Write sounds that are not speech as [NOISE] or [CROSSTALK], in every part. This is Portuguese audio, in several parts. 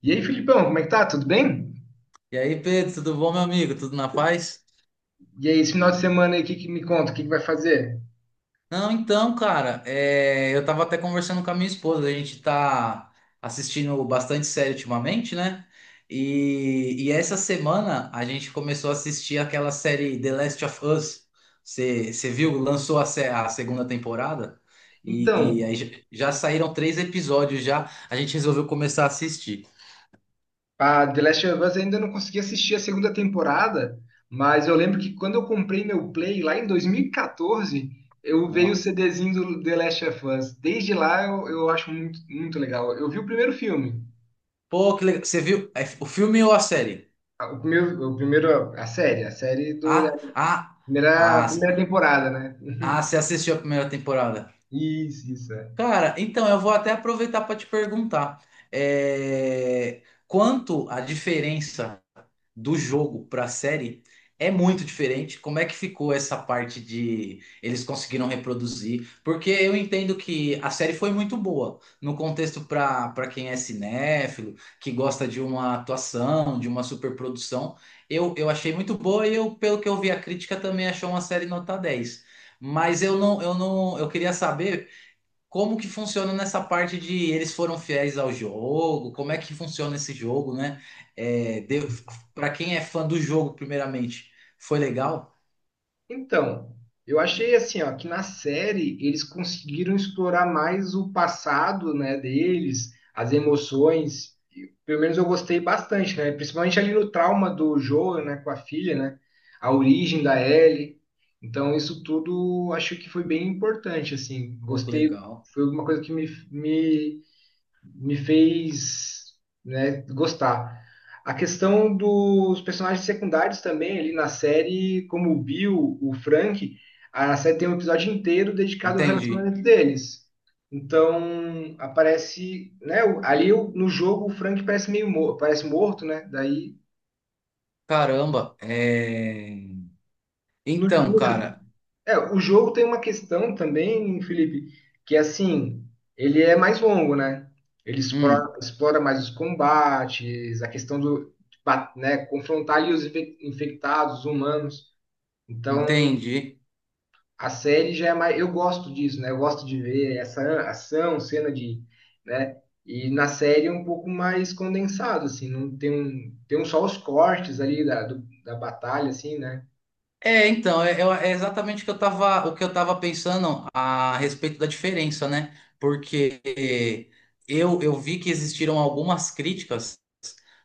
E aí, Filipão, como é que tá? Tudo bem? E aí, Pedro, tudo bom, meu amigo? Tudo na paz? E aí, esse final de semana aí, o que, que me conta? O que, que vai fazer? Não, então, cara, eu tava até conversando com a minha esposa. A gente tá assistindo bastante série ultimamente, né? E essa semana a gente começou a assistir aquela série The Last of Us. Você viu? Lançou a, a segunda temporada Então, e aí já saíram três episódios já. A gente resolveu começar a assistir. a The Last of Us ainda não consegui assistir a segunda temporada, mas eu lembro que quando eu comprei meu Play lá em 2014, eu veio o Nossa. CDzinho do The Last of Us. Desde lá eu acho muito, muito legal. Eu vi o primeiro filme, Pô, que legal. Você viu o filme ou a série? A série da Ah, ah, primeira, ah. primeira temporada, né? [LAUGHS] Ah, você assistiu a primeira temporada? Isso, isso. É. Cara, então eu vou até aproveitar para te perguntar, é, quanto a diferença do jogo para a série é muito diferente. Como é que ficou essa parte de eles conseguiram reproduzir? Porque eu entendo que a série foi muito boa no contexto para quem é cinéfilo, que gosta de uma atuação, de uma superprodução. Eu achei muito boa e eu, pelo que eu vi, a crítica também achou uma série nota 10. Mas eu não, eu não, eu queria saber como que funciona nessa parte de eles foram fiéis ao jogo, como é que funciona esse jogo, né? É, para quem é fã do jogo, primeiramente, foi legal? Então, eu achei assim, ó, que na série eles conseguiram explorar mais o passado, né, deles, as emoções. E, pelo menos eu gostei bastante, né? Principalmente ali no trauma do Joel, né, com a filha, né? A origem da Ellie. Então, isso tudo acho que foi bem importante, assim. Pouco Gostei, legal. foi uma coisa que me fez, né, gostar. A questão dos personagens secundários também ali na série, como o Bill, o Frank, a série tem um episódio inteiro dedicado ao Entendi. relacionamento deles. Então, aparece, né, ali no jogo o Frank parece meio parece morto, né? Daí Caramba. No, Então, cara, é, o jogo tem uma questão também, Felipe, que é assim, ele é mais longo, né? Ele hum, explora mais os combates, a questão de né, confrontar ali os infectados, os humanos. Então, entendi. a série já é mais, eu gosto disso, né? Eu gosto de ver essa ação, cena de, né? E na série é um pouco mais condensado, assim, não tem um, tem um só os cortes ali da batalha, assim, né? É, então, é exatamente o que eu tava pensando a respeito da diferença, né? Porque eu vi que existiram algumas críticas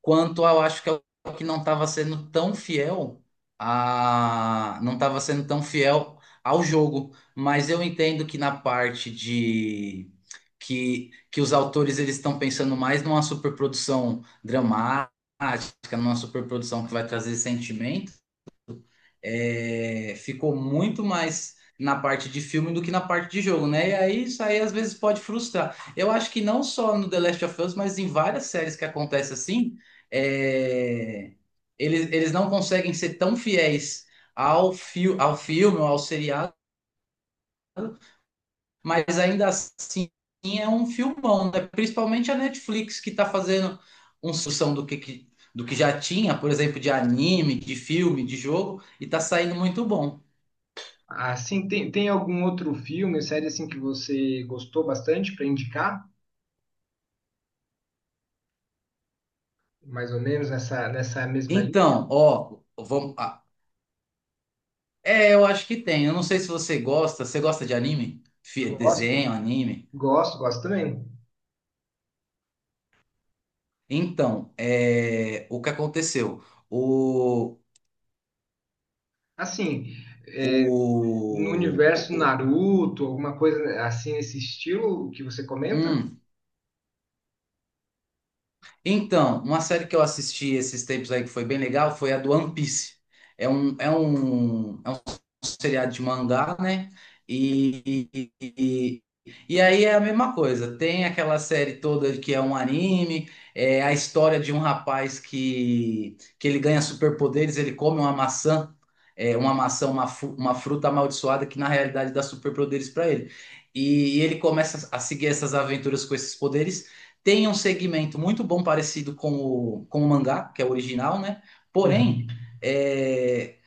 quanto eu acho que é o que não estava sendo tão fiel a não estava sendo tão fiel ao jogo. Mas eu entendo que na parte de que os autores eles estão pensando mais numa superprodução dramática, numa superprodução que vai trazer sentimento. Ficou muito mais na parte de filme do que na parte de jogo, né? E aí isso aí às vezes pode frustrar. Eu acho que não só no The Last of Us, mas em várias séries que acontece assim. é, eles não conseguem ser tão fiéis ao, fi ao filme ou ao seriado, mas ainda assim é um filmão, né? Principalmente a Netflix, que está fazendo uma sucção do que do que já tinha, por exemplo, de anime, de filme, de jogo, e está saindo muito bom. Assim, tem algum outro filme, série assim que você gostou bastante para indicar? Mais ou menos nessa, nessa mesma linha? Então, ó, vamos. Eu acho que tem. Eu não sei se você gosta. Você gosta de anime? Gosto, Desenho, anime? gosto, gosto também. Então, o que aconteceu? O, Assim, é, no o, o, universo o- Naruto, alguma coisa assim nesse estilo que você comenta? hum, Então, uma série que eu assisti esses tempos aí que foi bem legal foi a do One Piece. É um seriado de mangá, né? E, e, e- e aí é a mesma coisa. Tem aquela série toda que é um anime, é a história de um rapaz que ele ganha superpoderes. Ele come uma maçã, é uma maçã, uma fruta amaldiçoada que na realidade dá superpoderes para ele. E ele começa a seguir essas aventuras com esses poderes. Tem um segmento muito bom parecido com o mangá, que é o original, né? Porém, Uhum. é,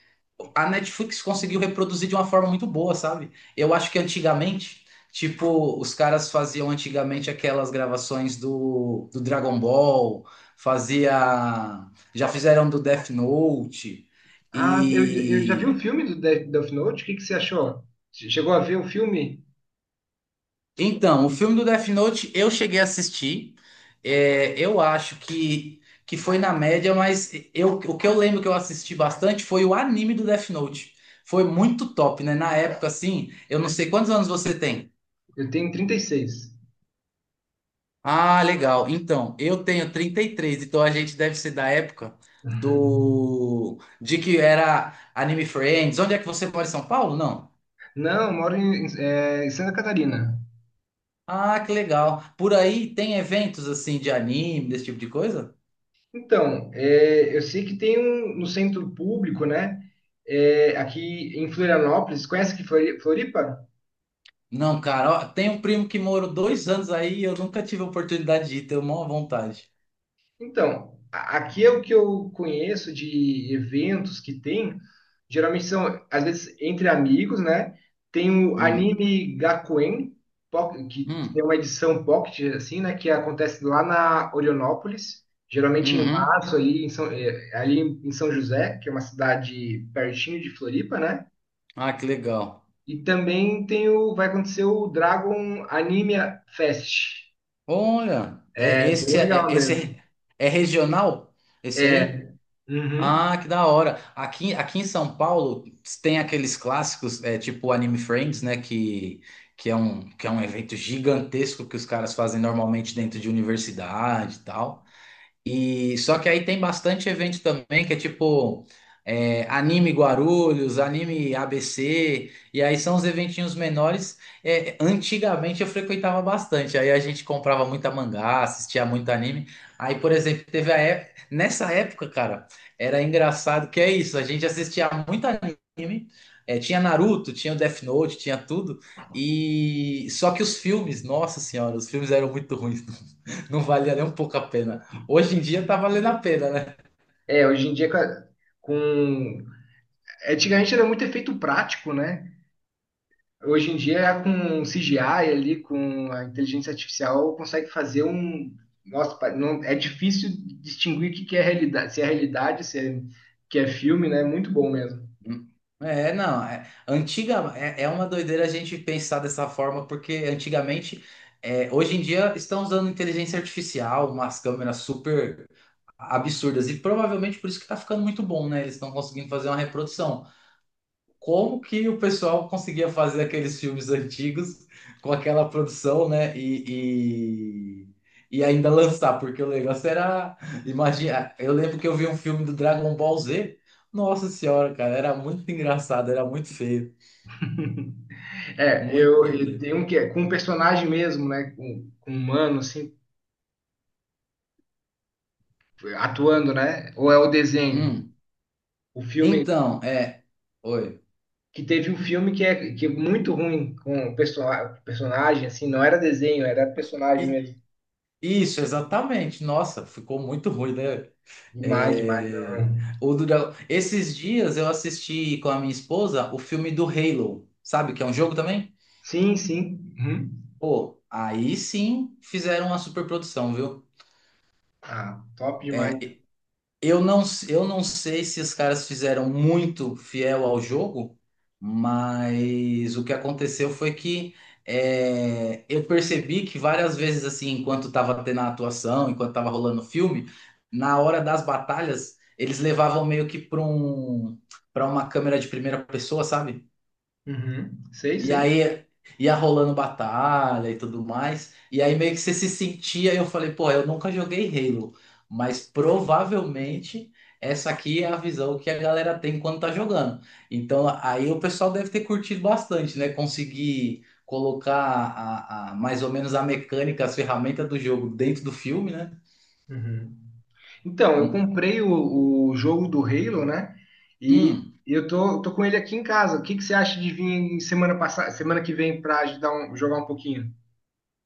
a Netflix conseguiu reproduzir de uma forma muito boa, sabe? Eu acho que antigamente, tipo, os caras faziam antigamente aquelas gravações do, do Dragon Ball, fazia, já fizeram do Death Note Ah, eu já vi o e filme do Death Note, o que que você achou? Chegou a ver o filme? Então, o filme do Death Note eu cheguei a assistir. É, eu acho que foi na média, mas eu, o que eu lembro que eu assisti bastante foi o anime do Death Note. Foi muito top, né? Na época, assim, eu não sei quantos anos você tem. Eu tenho 36. Ah, legal. Então, eu tenho 33. Então a gente deve ser da época [LAUGHS] do de que era Anime Friends. Onde é que você mora em São Paulo? Não. Não, eu moro em Santa Catarina. Ah, que legal. Por aí tem eventos assim de anime, desse tipo de coisa? Então, é, eu sei que tem um no centro público, né? É, aqui em Florianópolis, conhece aqui Floripa? Não, cara, ó, tem um primo que morou 2 anos aí e eu nunca tive a oportunidade de ir, tenho maior vontade. Então, aqui é o que eu conheço de eventos que tem. Geralmente são, às vezes, entre amigos, né? Tem o Hum, anime Gakuen, que tem uma hum, edição pocket, assim, né? Que acontece lá na Orionópolis, geralmente em uhum. março, ali em São José, que é uma cidade pertinho de Floripa, né? Ah, que legal. E também tem vai acontecer o Dragon Anime Fest. Olha, É bem legal esse mesmo. é é regional? Esse aí? É, uhum. Ah, que da hora. Aqui, aqui em São Paulo tem aqueles clássicos, tipo o Anime Friends, né? Que é um evento gigantesco que os caras fazem normalmente dentro de universidade e tal. E só que aí tem bastante evento também que é tipo anime Guarulhos, anime ABC, e aí são os eventinhos menores. É, antigamente eu frequentava bastante, aí a gente comprava muita mangá, assistia muito anime. Aí, por exemplo, teve a época, nessa época, cara, era engraçado que é isso, a gente assistia muito anime. Tinha Naruto, tinha Death Note, tinha tudo. E só que os filmes, nossa senhora, os filmes eram muito ruins. [LAUGHS] Não valia nem um pouco a pena. Hoje em dia tá valendo a pena, né? É, hoje em dia com- antigamente era muito efeito prático, né? Hoje em dia com CGI ali, com a inteligência artificial, consegue fazer um... Nossa, não, é difícil distinguir o que que é realidade, se é realidade, se é, que é filme, né? Muito bom mesmo. É, não. É, é uma doideira a gente pensar dessa forma, porque antigamente, hoje em dia, estão usando inteligência artificial, umas câmeras super absurdas, e provavelmente por isso que tá ficando muito bom, né? Eles estão conseguindo fazer uma reprodução. Como que o pessoal conseguia fazer aqueles filmes antigos com aquela produção, né? E ainda lançar, porque o negócio era. Imagina, eu lembro que eu vi um filme do Dragon Ball Z. Nossa senhora, cara, era muito engraçado, era muito feio, É, muito eu doideiro. tenho um que é com um personagem mesmo, né? Com um humano, assim, atuando, né? Ou é o desenho? Hum, O filme Então, é. Oi. que teve um filme que é muito ruim com o personagem, assim, não era desenho, era personagem E- mesmo. Isso, exatamente. Nossa, ficou muito ruim, né? Demais, demais. É, Não. o do Esses dias eu assisti com a minha esposa o filme do Halo, sabe? Que é um jogo também? Sim, sim. Uhum. Pô, aí sim fizeram uma superprodução, viu? Ah, top demais. É, Eu não, eu não sei se os caras fizeram muito fiel ao jogo, mas o que aconteceu foi que eu percebi que várias vezes, assim, enquanto estava tendo a atuação, enquanto estava rolando o filme, na hora das batalhas, eles levavam meio que para para uma câmera de primeira pessoa, sabe? Uhum. Sei, E sei. aí ia rolando batalha e tudo mais. E aí meio que você se sentia, eu falei, pô, eu nunca joguei Halo, mas provavelmente essa aqui é a visão que a galera tem quando tá jogando. Então aí o pessoal deve ter curtido bastante, né? Conseguir colocar mais ou menos a mecânica, as ferramentas do jogo dentro do filme, né? Uhum. Então, eu Hum, comprei o jogo do Halo, né? E hum. eu tô com ele aqui em casa. O que que você acha de vir em semana passada, semana que vem para jogar um pouquinho?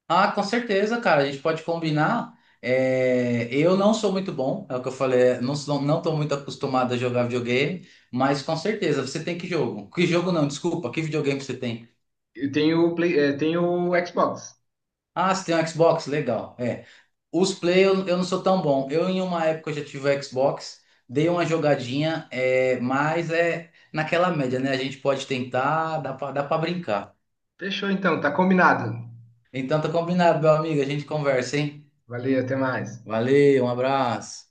Ah, com certeza, cara. A gente pode combinar. É, eu não sou muito bom, é o que eu falei. Não sou, não tô muito acostumado a jogar videogame, mas com certeza você tem que jogo. Que jogo não? Desculpa. Que videogame você tem? Eu tenho o Play, tenho o Xbox. Ah, você tem um Xbox? Legal. É. Os play eu não sou tão bom. Eu em uma época eu já tive o Xbox, dei uma jogadinha, é, mas é naquela média, né? A gente pode tentar, dá pra brincar. Fechou então, tá combinado. Então tá combinado, meu amigo. A gente conversa, hein? Valeu, até mais. Valeu, um abraço.